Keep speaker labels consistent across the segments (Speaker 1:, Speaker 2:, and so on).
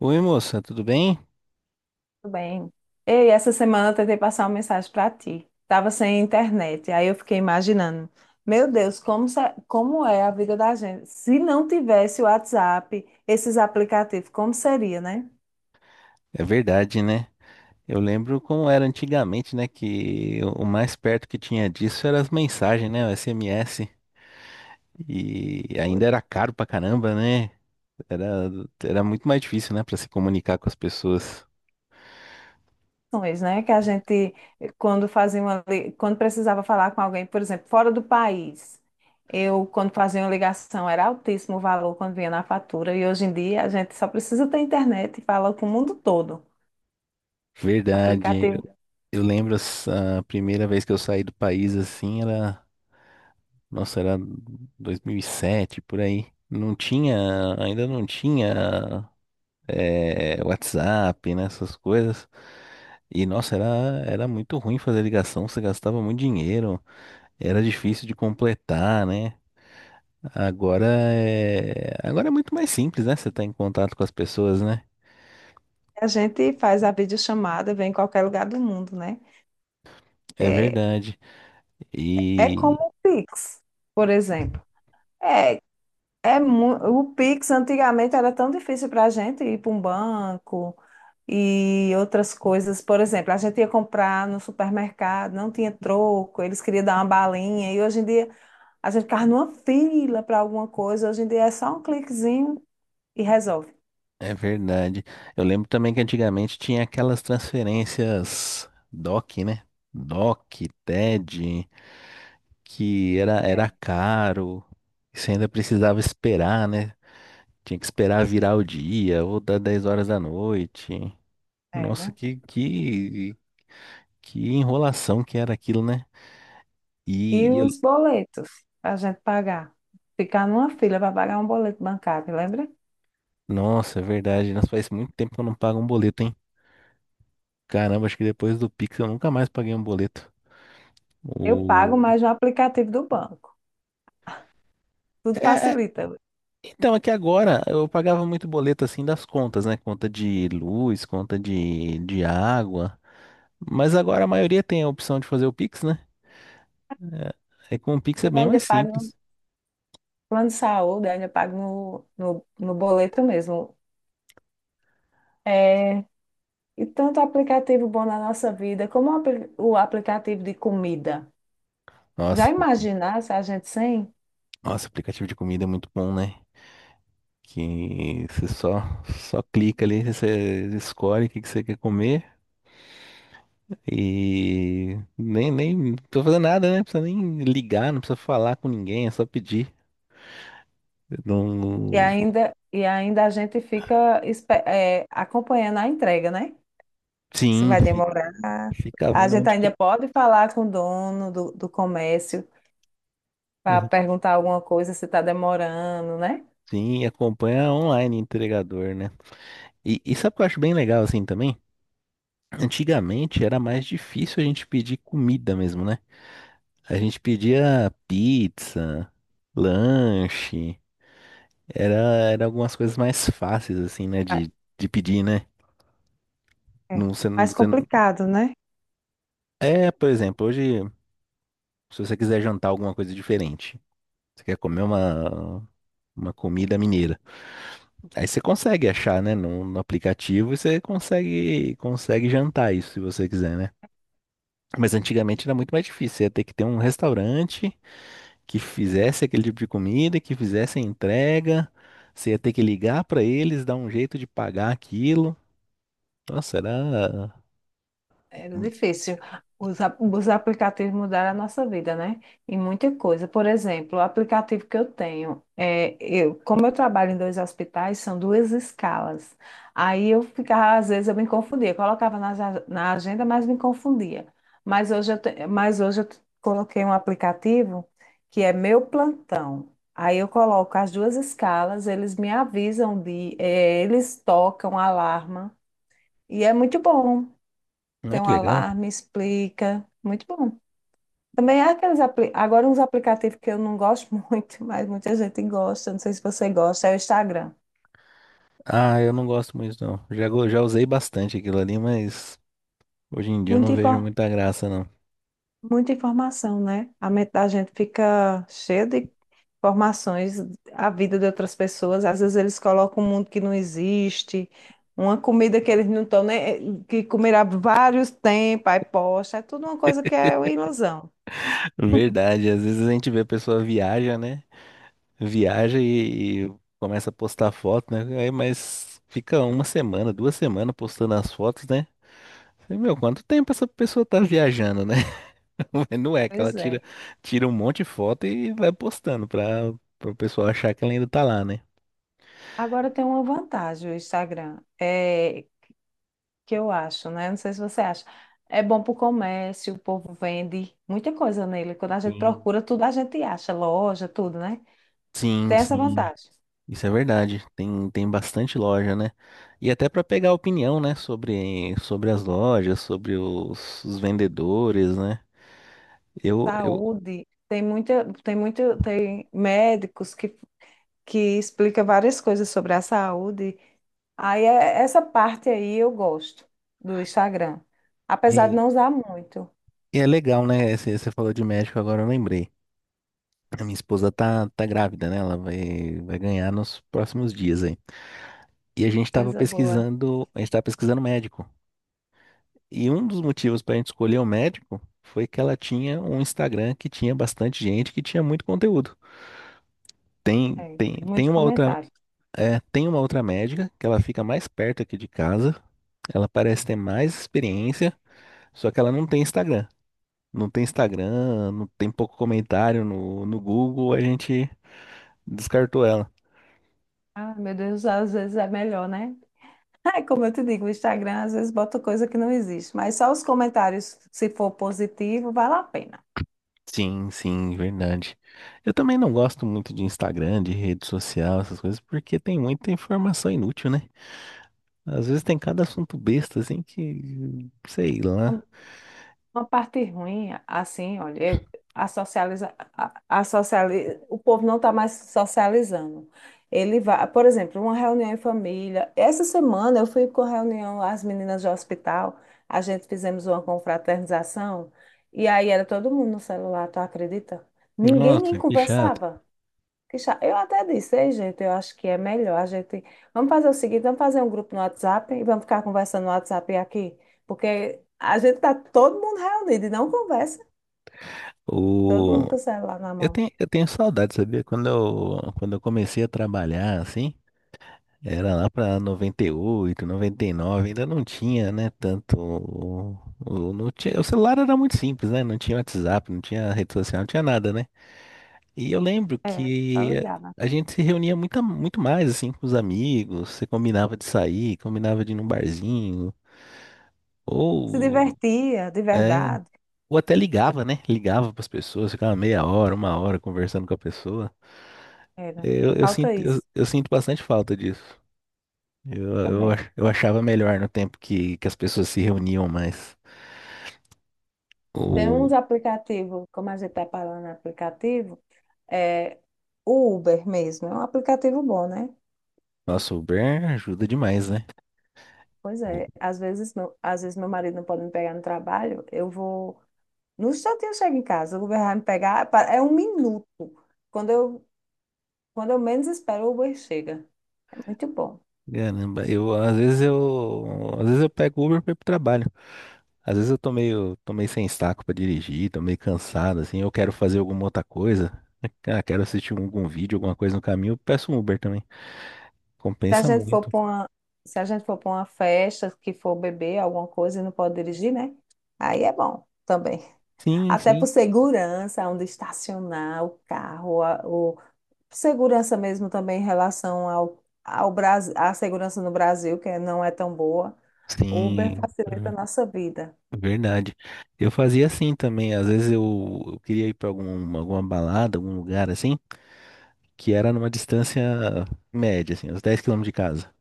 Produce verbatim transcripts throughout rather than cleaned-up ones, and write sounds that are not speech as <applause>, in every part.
Speaker 1: Oi, moça, tudo bem?
Speaker 2: Tudo bem. Ei, essa semana eu tentei passar uma mensagem para ti. Tava sem internet. Aí eu fiquei imaginando, meu Deus, como, se- como é a vida da gente? Se não tivesse o WhatsApp, esses aplicativos, como seria, né?
Speaker 1: É verdade, né? Eu lembro como era antigamente, né? Que o mais perto que tinha disso era as mensagens, né? O S M S. E ainda era caro pra caramba, né? Era, era muito mais difícil, né? Pra se comunicar com as pessoas.
Speaker 2: Questões, né? Que a gente, quando fazia uma, li- quando precisava falar com alguém, por exemplo, fora do país, eu, quando fazia uma ligação, era altíssimo o valor quando vinha na fatura, e hoje em dia a gente só precisa ter internet e fala com o mundo todo.
Speaker 1: Verdade.
Speaker 2: Aplicativo,
Speaker 1: Eu lembro as- a primeira vez que eu saí do país assim, era. Nossa, era dois mil e sete, por aí. Não tinha. Ainda não tinha. eh, WhatsApp, né, essas coisas. E nossa, era, era muito ruim fazer ligação, você gastava muito dinheiro, era difícil de completar, né? Agora é, agora é muito mais simples, né? Você tá em contato com as pessoas, né?
Speaker 2: a gente faz a videochamada, vem em qualquer lugar do mundo, né?
Speaker 1: É verdade.
Speaker 2: É
Speaker 1: E
Speaker 2: como o Pix, por exemplo. É É mu- O Pix antigamente era tão difícil para a gente ir para um banco e outras coisas. Por exemplo, a gente ia comprar no supermercado, não tinha troco, eles queriam dar uma balinha. E hoje em dia a gente ficava numa fila para alguma coisa. Hoje em dia é só um cliquezinho e resolve.
Speaker 1: é verdade. Eu lembro também que antigamente tinha aquelas transferências D O C, né? D O C, T E D, que era, era caro, e você ainda precisava esperar, né? Tinha que esperar virar o dia ou dar dez horas da noite.
Speaker 2: É,
Speaker 1: Nossa,
Speaker 2: né?
Speaker 1: que, que, que enrolação que era aquilo, né?
Speaker 2: E
Speaker 1: E, e eu-
Speaker 2: os boletos para a gente pagar. Ficar numa fila para pagar um boleto bancário, lembra?
Speaker 1: nossa, é verdade. Nós faz muito tempo que eu não pago um boleto, hein? Caramba, acho que depois do Pix eu nunca mais paguei um boleto.
Speaker 2: Eu pago
Speaker 1: O...
Speaker 2: mais no aplicativo do banco. Tudo
Speaker 1: É, é,
Speaker 2: facilita.
Speaker 1: então, é que agora eu pagava muito boleto assim das contas, né? Conta de luz, conta de, de água. Mas agora a maioria tem a opção de fazer o Pix, né? É com o Pix é
Speaker 2: Eu
Speaker 1: bem
Speaker 2: ainda
Speaker 1: mais
Speaker 2: pago.
Speaker 1: simples.
Speaker 2: Plano de saúde ainda pago no, no, no boleto mesmo. É, e tanto aplicativo bom na nossa vida, como o apli- o aplicativo de comida. Já
Speaker 1: Nossa,
Speaker 2: imaginar se a gente sem?
Speaker 1: nossa, aplicativo de comida é muito bom, né? que você só, só clica ali, você escolhe o que que você quer comer e nem, nem não precisa fazer nada, né? Não precisa nem ligar, não precisa falar com ninguém, é só pedir.
Speaker 2: E
Speaker 1: Não,
Speaker 2: ainda, e ainda a gente fica espe- é, acompanhando a entrega, né? Se
Speaker 1: sim,
Speaker 2: vai
Speaker 1: fi-
Speaker 2: demorar.
Speaker 1: fica
Speaker 2: A
Speaker 1: vendo
Speaker 2: gente
Speaker 1: onde
Speaker 2: ainda
Speaker 1: que.
Speaker 2: pode falar com o dono do, do comércio para
Speaker 1: <laughs>
Speaker 2: perguntar alguma coisa se está demorando, né?
Speaker 1: Sim, e acompanha online entregador, né? E, e sabe o que eu acho bem legal assim também? Antigamente era mais difícil a gente pedir comida mesmo, né? A gente pedia pizza, lanche. Era, era algumas coisas mais fáceis, assim, né?
Speaker 2: Ah,
Speaker 1: De, de pedir, né?
Speaker 2: é
Speaker 1: Não, você, não-
Speaker 2: mais
Speaker 1: você não-
Speaker 2: complicado, né?
Speaker 1: É, por exemplo, hoje, se você quiser jantar alguma coisa diferente, você quer comer uma, uma comida mineira. Aí você consegue achar, né? No, no aplicativo e você consegue, consegue jantar isso, se você quiser, né? Mas antigamente era muito mais difícil. Você ia ter que ter um restaurante que fizesse aquele tipo de comida, que fizesse a entrega. Você ia ter que ligar pra eles, dar um jeito de pagar aquilo. Nossa, era.
Speaker 2: Era difícil. Os, ap- os aplicativos mudaram a nossa vida, né? Em muita coisa. Por exemplo, o aplicativo que eu tenho, é, eu, como eu trabalho em dois hospitais, são duas escalas. Aí eu ficava, às vezes eu me confundia, colocava na, ja- na agenda, mas me confundia. Mas hoje eu, te- mas hoje eu t- coloquei um aplicativo que é meu plantão. Aí eu coloco as duas escalas, eles me avisam de, eh, eles tocam alarma. E é muito bom,
Speaker 1: Ah,
Speaker 2: tem um
Speaker 1: que legal.
Speaker 2: alarme, explica. Muito bom. Também há aqueles apli- agora uns aplicativos que eu não gosto <laughs> muito, mas muita gente gosta, não sei se você gosta, é o Instagram.
Speaker 1: Ah, eu não gosto muito, não. Já, go- já usei bastante aquilo ali, mas hoje em dia eu
Speaker 2: Muita,
Speaker 1: não vejo
Speaker 2: infor-
Speaker 1: muita graça, não.
Speaker 2: muita informação, né? A mente da gente fica cheia de informações, a vida de outras pessoas, às vezes eles colocam um mundo que não existe, uma comida que eles não estão nem, eh, que comerá vários tempos, aí posta, é tudo uma coisa que é uma ilusão.
Speaker 1: <laughs> Verdade, às vezes a gente vê a pessoa viaja, né? Viaja e, e começa a postar foto, né? Aí, mas fica uma semana, duas semanas postando as fotos, né? Falei, meu, quanto tempo essa pessoa tá viajando, né? <laughs> Mas não é que ela
Speaker 2: Pois é.
Speaker 1: tira, tira um monte de foto e vai postando pra, pra o pessoal achar que ela ainda tá lá, né?
Speaker 2: Agora tem uma vantagem o Instagram. É que eu acho, né? Não sei se você acha. É bom para o comércio, o povo vende muita coisa nele. Quando a gente
Speaker 1: Sim.
Speaker 2: procura, tudo a gente acha, loja, tudo, né?
Speaker 1: Sim,
Speaker 2: Tem essa
Speaker 1: sim,
Speaker 2: vantagem.
Speaker 1: isso é verdade. Tem, tem bastante loja, né? E até para pegar opinião, né, sobre, sobre as lojas, sobre os, os vendedores, né? Eu, eu,
Speaker 2: Saúde, tem muita, tem muito, tem médicos que, que explica várias coisas sobre a saúde. Aí é- essa parte aí eu gosto do Instagram. Apesar de
Speaker 1: e,
Speaker 2: não usar muito.
Speaker 1: e é legal, né? Você, você falou de médico, agora eu lembrei. A minha esposa tá, tá grávida, né? Ela vai, vai ganhar nos próximos dias aí. E a gente tava
Speaker 2: Coisa boa.
Speaker 1: pesquisando, a gente tava pesquisando médico. E um dos motivos para a gente escolher o médico foi que ela tinha um Instagram que tinha bastante gente, que tinha muito conteúdo. Tem,
Speaker 2: É,
Speaker 1: tem,
Speaker 2: tem
Speaker 1: tem
Speaker 2: muito
Speaker 1: uma outra
Speaker 2: comentário.
Speaker 1: É, tem uma outra médica que ela fica mais perto aqui de casa. Ela parece ter mais experiência, só que ela não tem Instagram. Não tem Instagram, não tem pouco comentário no, no Google, a gente descartou ela.
Speaker 2: Ah, meu Deus, às vezes é melhor, né? É como eu te digo, o Instagram às vezes bota coisa que não existe, mas só os comentários, se for positivo, vale a pena.
Speaker 1: Sim, sim, verdade. Eu também não gosto muito de Instagram, de rede social, essas coisas, porque tem muita informação inútil, né? Às vezes tem cada assunto besta, assim, que, sei
Speaker 2: Um,
Speaker 1: lá.
Speaker 2: Uma parte ruim, assim, olha, eu, a socializa, a, a sociali, o povo não está mais socializando. Ele vai, por exemplo, uma reunião em família. Essa semana eu fui com a reunião, as meninas do hospital, a gente fizemos uma confraternização, e aí era todo mundo no celular, tu acredita? Ninguém nem
Speaker 1: Nossa, que chato.
Speaker 2: conversava. Que cha- Eu até disse, ei, gente, eu acho que é melhor a gente. Vamos fazer o seguinte: vamos fazer um grupo no WhatsApp e vamos ficar conversando no WhatsApp aqui, porque a gente tá todo mundo reunido e não conversa, todo
Speaker 1: O...
Speaker 2: mundo com o celular na
Speaker 1: Eu
Speaker 2: mão.
Speaker 1: tenho, eu tenho saudade, sabia? Quando eu, quando eu comecei a trabalhar, assim, era lá pra noventa e oito, noventa e nove, ainda não tinha, né, tanto... o- o- Não tinha, o celular era muito simples, né? Não tinha WhatsApp, não tinha rede social, não tinha nada, né? E eu lembro
Speaker 2: É, tá
Speaker 1: que
Speaker 2: ligada.
Speaker 1: a gente se reunia muito, muito mais, assim, com os amigos. Você combinava de sair, combinava de ir num barzinho,
Speaker 2: Se
Speaker 1: ou...
Speaker 2: divertia, de
Speaker 1: É,
Speaker 2: verdade,
Speaker 1: ou até ligava, né? Ligava pras pessoas, ficava meia hora, uma hora conversando com a pessoa.
Speaker 2: era.
Speaker 1: Eu, eu
Speaker 2: Falta
Speaker 1: sinto, eu,
Speaker 2: isso
Speaker 1: eu sinto bastante falta disso. Eu, eu,
Speaker 2: também.
Speaker 1: ach- eu achava melhor no tempo que, que as pessoas se reuniam mais.
Speaker 2: Tem
Speaker 1: O
Speaker 2: uns aplicativos, como a gente tá falando em aplicativo, é o Uber mesmo, é um aplicativo bom, né?
Speaker 1: nosso Uber ajuda demais, né?
Speaker 2: Pois
Speaker 1: O-
Speaker 2: é, às vezes meu, às vezes meu marido não pode me pegar no trabalho, eu vou. No instantinho eu chego em casa, o Uber vai me pegar, pa- é um minuto. Quando eu, quando eu menos espero, o Uber chega. É muito bom.
Speaker 1: Caramba, eu às vezes eu às vezes eu pego Uber para ir pro trabalho. Às vezes eu tô meio, tô meio sem saco para dirigir, tô meio cansado assim, eu quero fazer alguma outra coisa. Ah, quero assistir algum vídeo, alguma coisa no caminho, eu peço um Uber também.
Speaker 2: Se a
Speaker 1: Compensa
Speaker 2: gente for
Speaker 1: muito.
Speaker 2: para uma, se a gente for para uma festa, que for beber alguma coisa e não pode dirigir, né? Aí é bom também.
Speaker 1: Sim,
Speaker 2: Até por
Speaker 1: sim.
Speaker 2: segurança, onde estacionar o carro, a- o segurança mesmo também em relação ao, ao Brasil, à segurança no Brasil, que não é tão boa. O Uber
Speaker 1: Sim.
Speaker 2: facilita a nossa vida.
Speaker 1: Verdade. Eu fazia assim também. Às vezes eu, eu queria ir pra algum, alguma balada, algum lugar assim, que era numa distância média, assim, uns dez quilômetros de casa.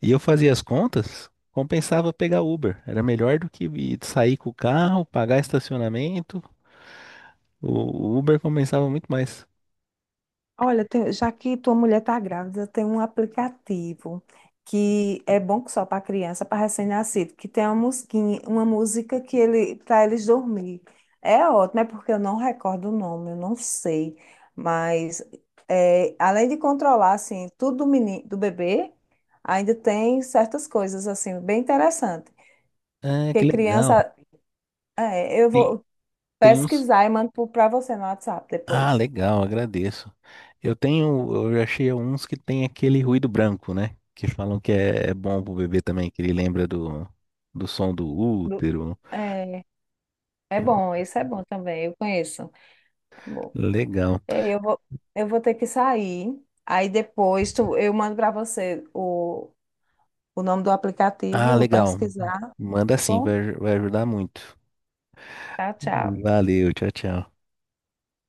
Speaker 1: E eu fazia as contas, compensava pegar Uber. Era melhor do que ir- sair com o carro, pagar estacionamento. O o Uber compensava muito mais.
Speaker 2: Olha, tem- já que tua mulher está grávida, tem um aplicativo que é bom que só para criança, para recém-nascido, que tem uma musiquinha, uma música que ele para eles dormir. É ótimo, é porque eu não recordo o nome, eu não sei, mas é, além de controlar assim tudo do menino, do bebê, ainda tem certas coisas assim bem interessante.
Speaker 1: Ah, que
Speaker 2: Porque
Speaker 1: legal.
Speaker 2: criança, é, eu
Speaker 1: Tem,
Speaker 2: vou
Speaker 1: tem uns.
Speaker 2: pesquisar e mando para você no WhatsApp
Speaker 1: Ah,
Speaker 2: depois.
Speaker 1: legal, agradeço. Eu tenho, eu achei uns que tem aquele ruído branco, né? Que falam que é, é bom pro bebê também, que ele lembra do, do som do
Speaker 2: Do-
Speaker 1: útero.
Speaker 2: É, é bom, isso é bom também, eu conheço. É bom.
Speaker 1: Legal.
Speaker 2: É, Eu vou, eu vou ter que sair. Aí depois tu, eu mando para você o, o nome do
Speaker 1: Ah,
Speaker 2: aplicativo, vou
Speaker 1: legal.
Speaker 2: pesquisar,
Speaker 1: Manda
Speaker 2: tá
Speaker 1: sim,
Speaker 2: bom?
Speaker 1: vai, aj- vai ajudar muito.
Speaker 2: Tchau, tchau.
Speaker 1: Valeu, tchau, tchau.